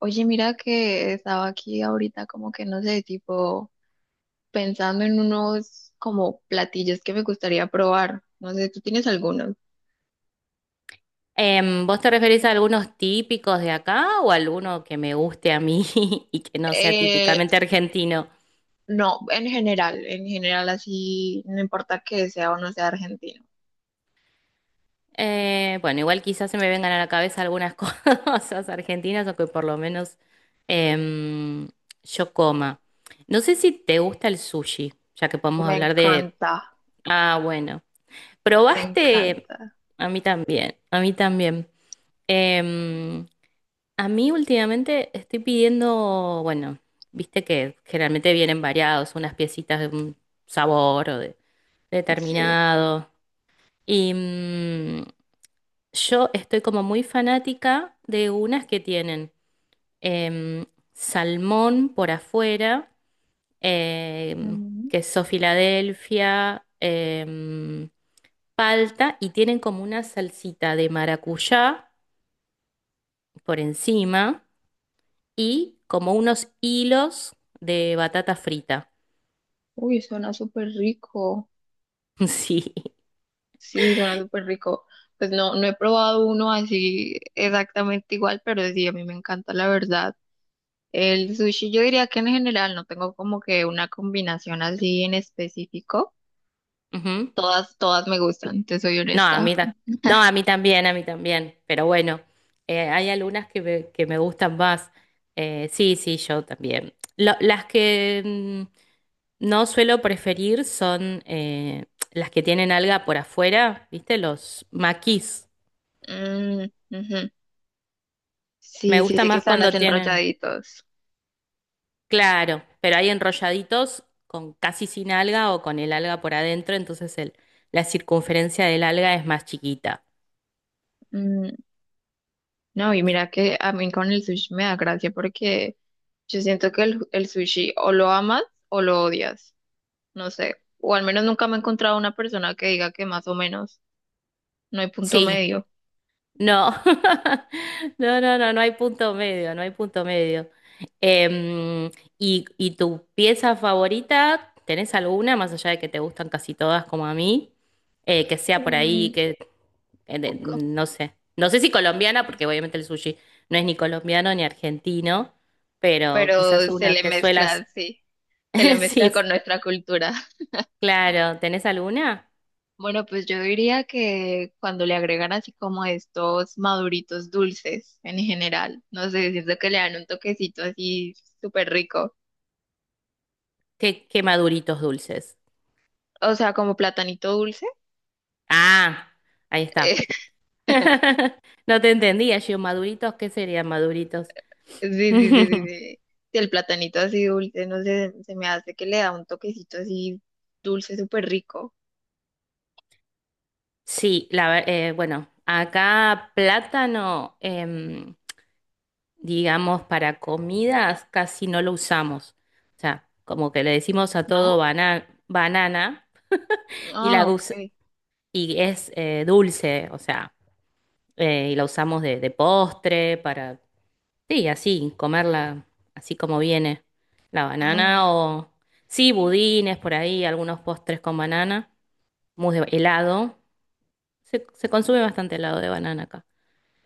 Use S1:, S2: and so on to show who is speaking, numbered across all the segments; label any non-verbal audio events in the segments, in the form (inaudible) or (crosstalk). S1: Oye, mira que estaba aquí ahorita como que no sé, tipo pensando en unos como platillos que me gustaría probar. No sé, ¿tú tienes algunos?
S2: ¿Vos te referís a algunos típicos de acá o alguno que me guste a mí (laughs) y que no sea
S1: Eh,
S2: típicamente argentino?
S1: no, en general así, no importa que sea o no sea argentino.
S2: Bueno, igual quizás se me vengan a la cabeza algunas (laughs) cosas argentinas o que por lo menos em, yo coma. No sé si te gusta el sushi, ya que podemos
S1: Me
S2: hablar de...
S1: encanta,
S2: Ah, bueno.
S1: me
S2: ¿Probaste?
S1: encanta.
S2: A mí también, a mí también. Em, A mí últimamente estoy pidiendo, bueno, viste que generalmente vienen variados, unas piecitas de un sabor o de
S1: Sí.
S2: determinado. Y yo estoy como muy fanática de unas que tienen em, salmón por afuera, em,
S1: Mm.
S2: queso Filadelfia, palta y tienen como una salsita de maracuyá por encima, y como unos hilos de batata frita.
S1: Uy, suena súper rico.
S2: (laughs) Sí.
S1: Sí, suena súper rico. Pues no he probado uno así exactamente igual, pero sí, a mí me encanta, la verdad. El sushi, yo diría que en general no tengo como que una combinación así en específico.
S2: Ujú.
S1: Todas, todas me gustan, te soy
S2: No, a
S1: honesta.
S2: mí, no, a mí también, a mí también. Pero bueno, hay algunas que que me gustan más. Sí, sí, yo también. Las que no suelo preferir son las que tienen alga por afuera, ¿viste? Los maquis.
S1: Mm, ujú.
S2: Me
S1: Sí, sí,
S2: gusta
S1: sí que
S2: más
S1: están las
S2: cuando tienen.
S1: enrolladitos.
S2: Claro, pero hay enrolladitos con casi sin alga o con el alga por adentro, entonces la circunferencia del alga es más chiquita.
S1: Mm, no, y mira que a mí con el sushi me da gracia porque yo siento que el sushi o lo amas o lo odias, no sé. O al menos nunca me he encontrado una persona que diga que más o menos, no hay punto
S2: Sí,
S1: medio.
S2: no, (laughs) no, no, no, no hay punto medio, no hay punto medio. Em, y tu pieza favorita? ¿Tenés alguna, más allá de que te gustan casi todas como a mí? Que sea por
S1: Mm,
S2: ahí,
S1: ok.
S2: no sé. No sé si colombiana, porque obviamente el sushi no es ni colombiano ni argentino, pero quizás
S1: Pero se
S2: una
S1: le
S2: que suelas.
S1: mezcla, sí, se le
S2: (laughs) Sí,
S1: mezcla con nuestra cultura.
S2: claro. ¿Tenés alguna?
S1: Bueno, pues yo diría que cuando le agregan así como estos maduritos dulces en general, no sé, siento que le dan un toquecito así súper rico.
S2: ¿Qué, qué maduritos dulces?
S1: O sea, como platanito dulce.
S2: Ah, ahí
S1: (laughs)
S2: está.
S1: eh,
S2: (laughs) No te entendía, yo, maduritos, ¿qué serían maduritos?
S1: sí, sí, sí, sí,
S2: (laughs)
S1: sí. Sí, el platanito así dulce, no sé, se me hace que le da un toquecito así dulce súper rico,
S2: Sí, bueno, acá plátano, digamos, para comidas casi no lo usamos. O sea, como que le decimos a todo
S1: ¿no?
S2: banana y, la
S1: Ah,
S2: gus-
S1: ok.
S2: y es dulce, o sea, y la usamos de postre para, sí, así, comerla así como viene la banana o, sí, budines por ahí, algunos postres con banana, mousse de helado. Se consume bastante helado de banana acá.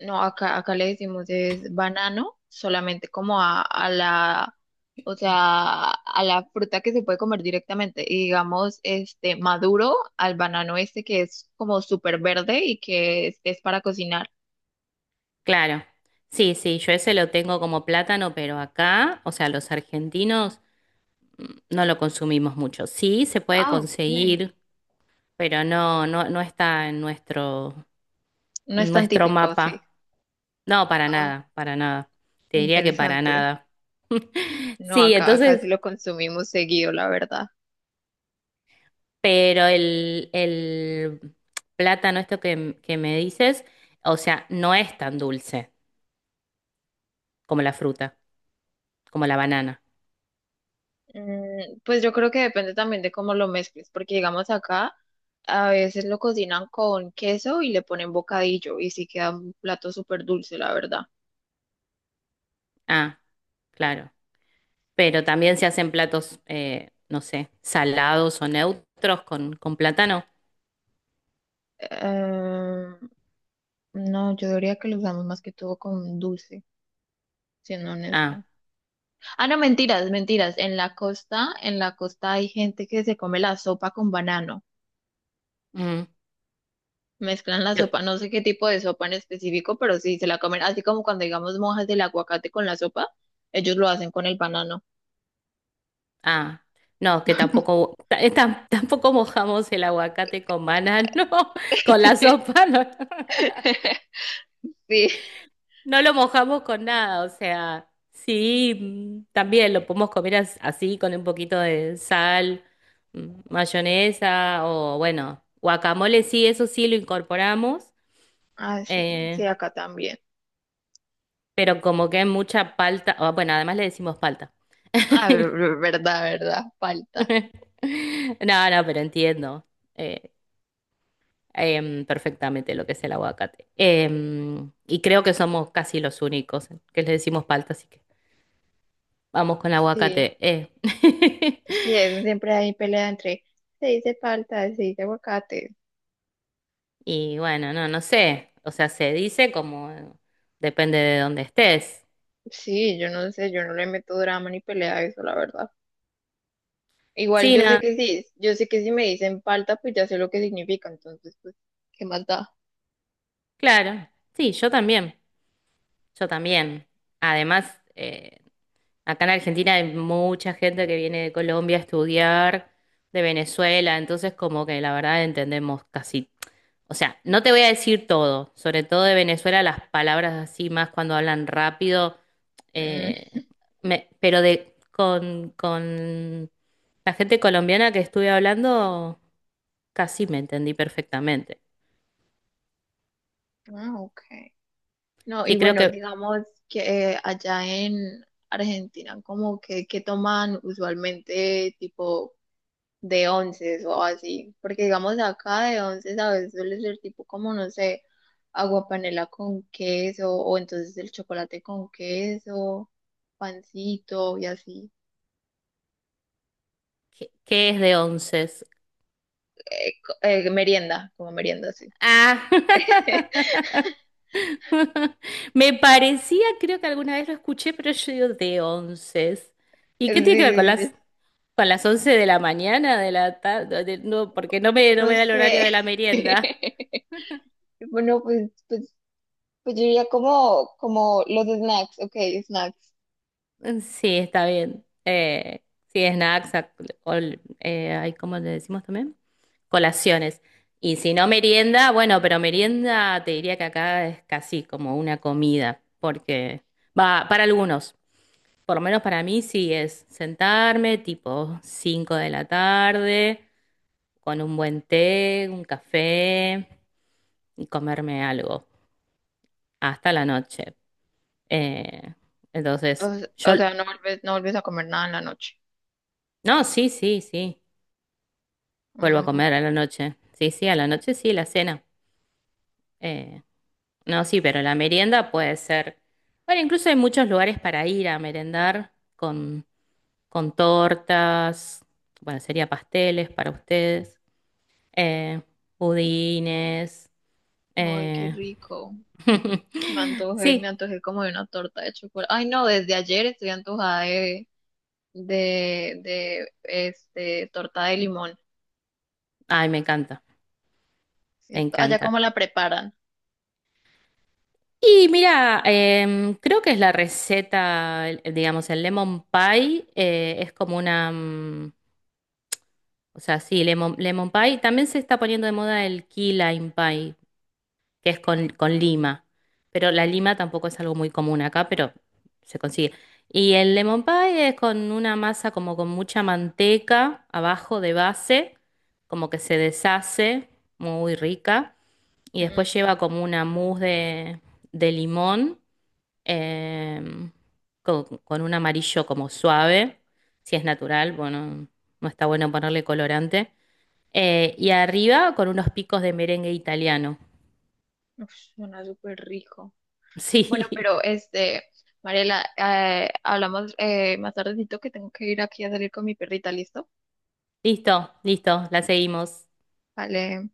S1: No, acá, acá le decimos es banano, solamente como a la, o sea, a la fruta que se puede comer directamente. Y digamos, este maduro al banano este que es como súper verde y que es para cocinar.
S2: Claro. Sí, sí, yo ese lo tengo como plátano, pero acá, o sea, los argentinos mm, no lo consumimos mucho. Sí, se puede
S1: Ah, ok.
S2: conseguir, pero no está en
S1: No es tan
S2: nuestro
S1: típico, sí.
S2: mapa. No, para
S1: Ah,
S2: nada, para nada. Te diría que para
S1: interesante.
S2: nada.
S1: No,
S2: Sí,
S1: acá, acá
S2: entonces,
S1: sí lo consumimos seguido, la verdad.
S2: pero el plátano, esto que me dices, o sea, no es tan dulce como la fruta, como la banana.
S1: Mm, pues yo creo que depende también de cómo lo mezcles, porque digamos acá a veces lo cocinan con queso y le ponen bocadillo y sí queda un plato súper dulce, la verdad.
S2: Ah, claro. Pero también se hacen platos, no sé, salados o neutros con plátano.
S1: Eh, no, yo diría que lo usamos más que todo con dulce, siendo
S2: Ah,
S1: honesta. Ah, no, mentiras, mentiras. En la costa hay gente que se come la sopa con banano.
S2: mm,
S1: Mezclan la
S2: yo-
S1: sopa, no sé qué tipo de sopa en específico, pero sí se la comen, así como cuando digamos mojas del aguacate con la sopa, ellos lo hacen con el banano.
S2: ah, no, que tampoco, tampoco mojamos el aguacate con banano, (laughs) con la
S1: (laughs)
S2: sopa, no,
S1: (laughs) Sí,
S2: no lo mojamos con nada. O sea, sí, mm, también lo podemos comer así, con un poquito de sal, mm, mayonesa o bueno, guacamole, sí, eso sí lo incorporamos.
S1: ah, sí, sí,
S2: eh,
S1: acá también.
S2: pero como que hay mucha palta, o, bueno, además le decimos palta.
S1: Ah, verdad, verdad, falta.
S2: (laughs) No, no, pero entiendo eh, perfectamente lo que es el aguacate. Y creo que somos casi los únicos que le decimos palta, así que vamos con
S1: Sí,
S2: aguacate. Eh.
S1: sí,
S2: (laughs)
S1: eso siempre hay pelea entre se dice falta, se dice aguacate.
S2: Y bueno, no, no sé. O sea, se dice como depende de dónde estés.
S1: Sí, yo no sé, yo no le meto drama ni pelea a eso, la verdad. Igual
S2: Sí,
S1: yo sé
S2: no,
S1: que sí, yo sé que si me dicen falta, pues ya sé lo que significa, entonces, pues, ¿qué más da?
S2: claro. Sí, yo también. Yo también. Además, acá en Argentina hay mucha gente que viene de Colombia a estudiar, de Venezuela, entonces como que la verdad entendemos casi, o sea, no te voy a decir todo, sobre todo de Venezuela, las palabras así más cuando hablan rápido,
S1: Mm,
S2: eh, pero con la gente colombiana que estuve hablando, casi me entendí perfectamente.
S1: ah, ok. No, y
S2: Sí, creo
S1: bueno,
S2: que,
S1: digamos que allá en Argentina, como que toman usualmente, tipo de once o así, porque digamos acá de once a veces suele ser tipo como, no sé, agua panela con queso o entonces el chocolate con queso, pancito y así.
S2: que es de 11.
S1: Merienda, como merienda, sí.
S2: Ah.
S1: (laughs)
S2: (laughs) (laughs) Me parecía, creo que alguna vez lo escuché, pero yo digo de 11. ¿Y
S1: Sí,
S2: qué tiene que ver con
S1: sí,
S2: las
S1: sí.
S2: con las 11 de la mañana, de la tarde? No, porque no no me
S1: No
S2: da el horario
S1: sé.
S2: de la merienda. (laughs)
S1: (laughs) Bueno, pues, pues, pues yo diría como, como los snacks, ok, snacks.
S2: Sí, está bien. Sí, snacks, ay, ¿cómo le decimos también? Colaciones. Y si no merienda, bueno, pero merienda te diría que acá es casi como una comida, porque va, para algunos. Por lo menos para mí sí es sentarme tipo 5 de la tarde, con un buen té, un café y comerme algo hasta la noche. Eh,
S1: O,
S2: entonces, yo...
S1: o sea, no vuelves a comer nada en la noche.
S2: No, sí, sí, sí. Vuelvo a
S1: Mm,
S2: comer a la noche. Sí, sí, a la noche sí, la cena. Eh, no, sí, pero la merienda puede ser... Bueno, incluso hay muchos lugares para ir a merendar con tortas. Bueno, sería pasteles para ustedes. Eh, pudines.
S1: ay, qué
S2: Eh,
S1: rico. Me
S2: (laughs)
S1: antojé, me
S2: sí,
S1: antojé como de una torta de chocolate. Ay, no, desde ayer estoy antojada de este, torta de limón,
S2: ay, me encanta, me
S1: ¿cierto? Allá
S2: encanta.
S1: cómo la preparan.
S2: Y mira, creo que es la receta, digamos, el lemon pie es como una, o sea, sí, lemon pie. También se está poniendo de moda el key lime pie, que es con lima. Pero la lima tampoco es algo muy común acá, pero se consigue. Y el lemon pie es con una masa como con mucha manteca abajo de base, como que se deshace, muy rica. Y
S1: Mm,
S2: después lleva como una mousse de limón, em, con un amarillo como suave, si es natural, bueno, no está bueno ponerle colorante. Y arriba con unos picos de merengue italiano.
S1: uf, suena súper rico. Bueno,
S2: Sí.
S1: pero
S2: (laughs)
S1: este, Mariela, hablamos más tardecito que tengo que ir aquí a salir con mi perrita, ¿listo?
S2: Listo, listo, la seguimos.
S1: Vale.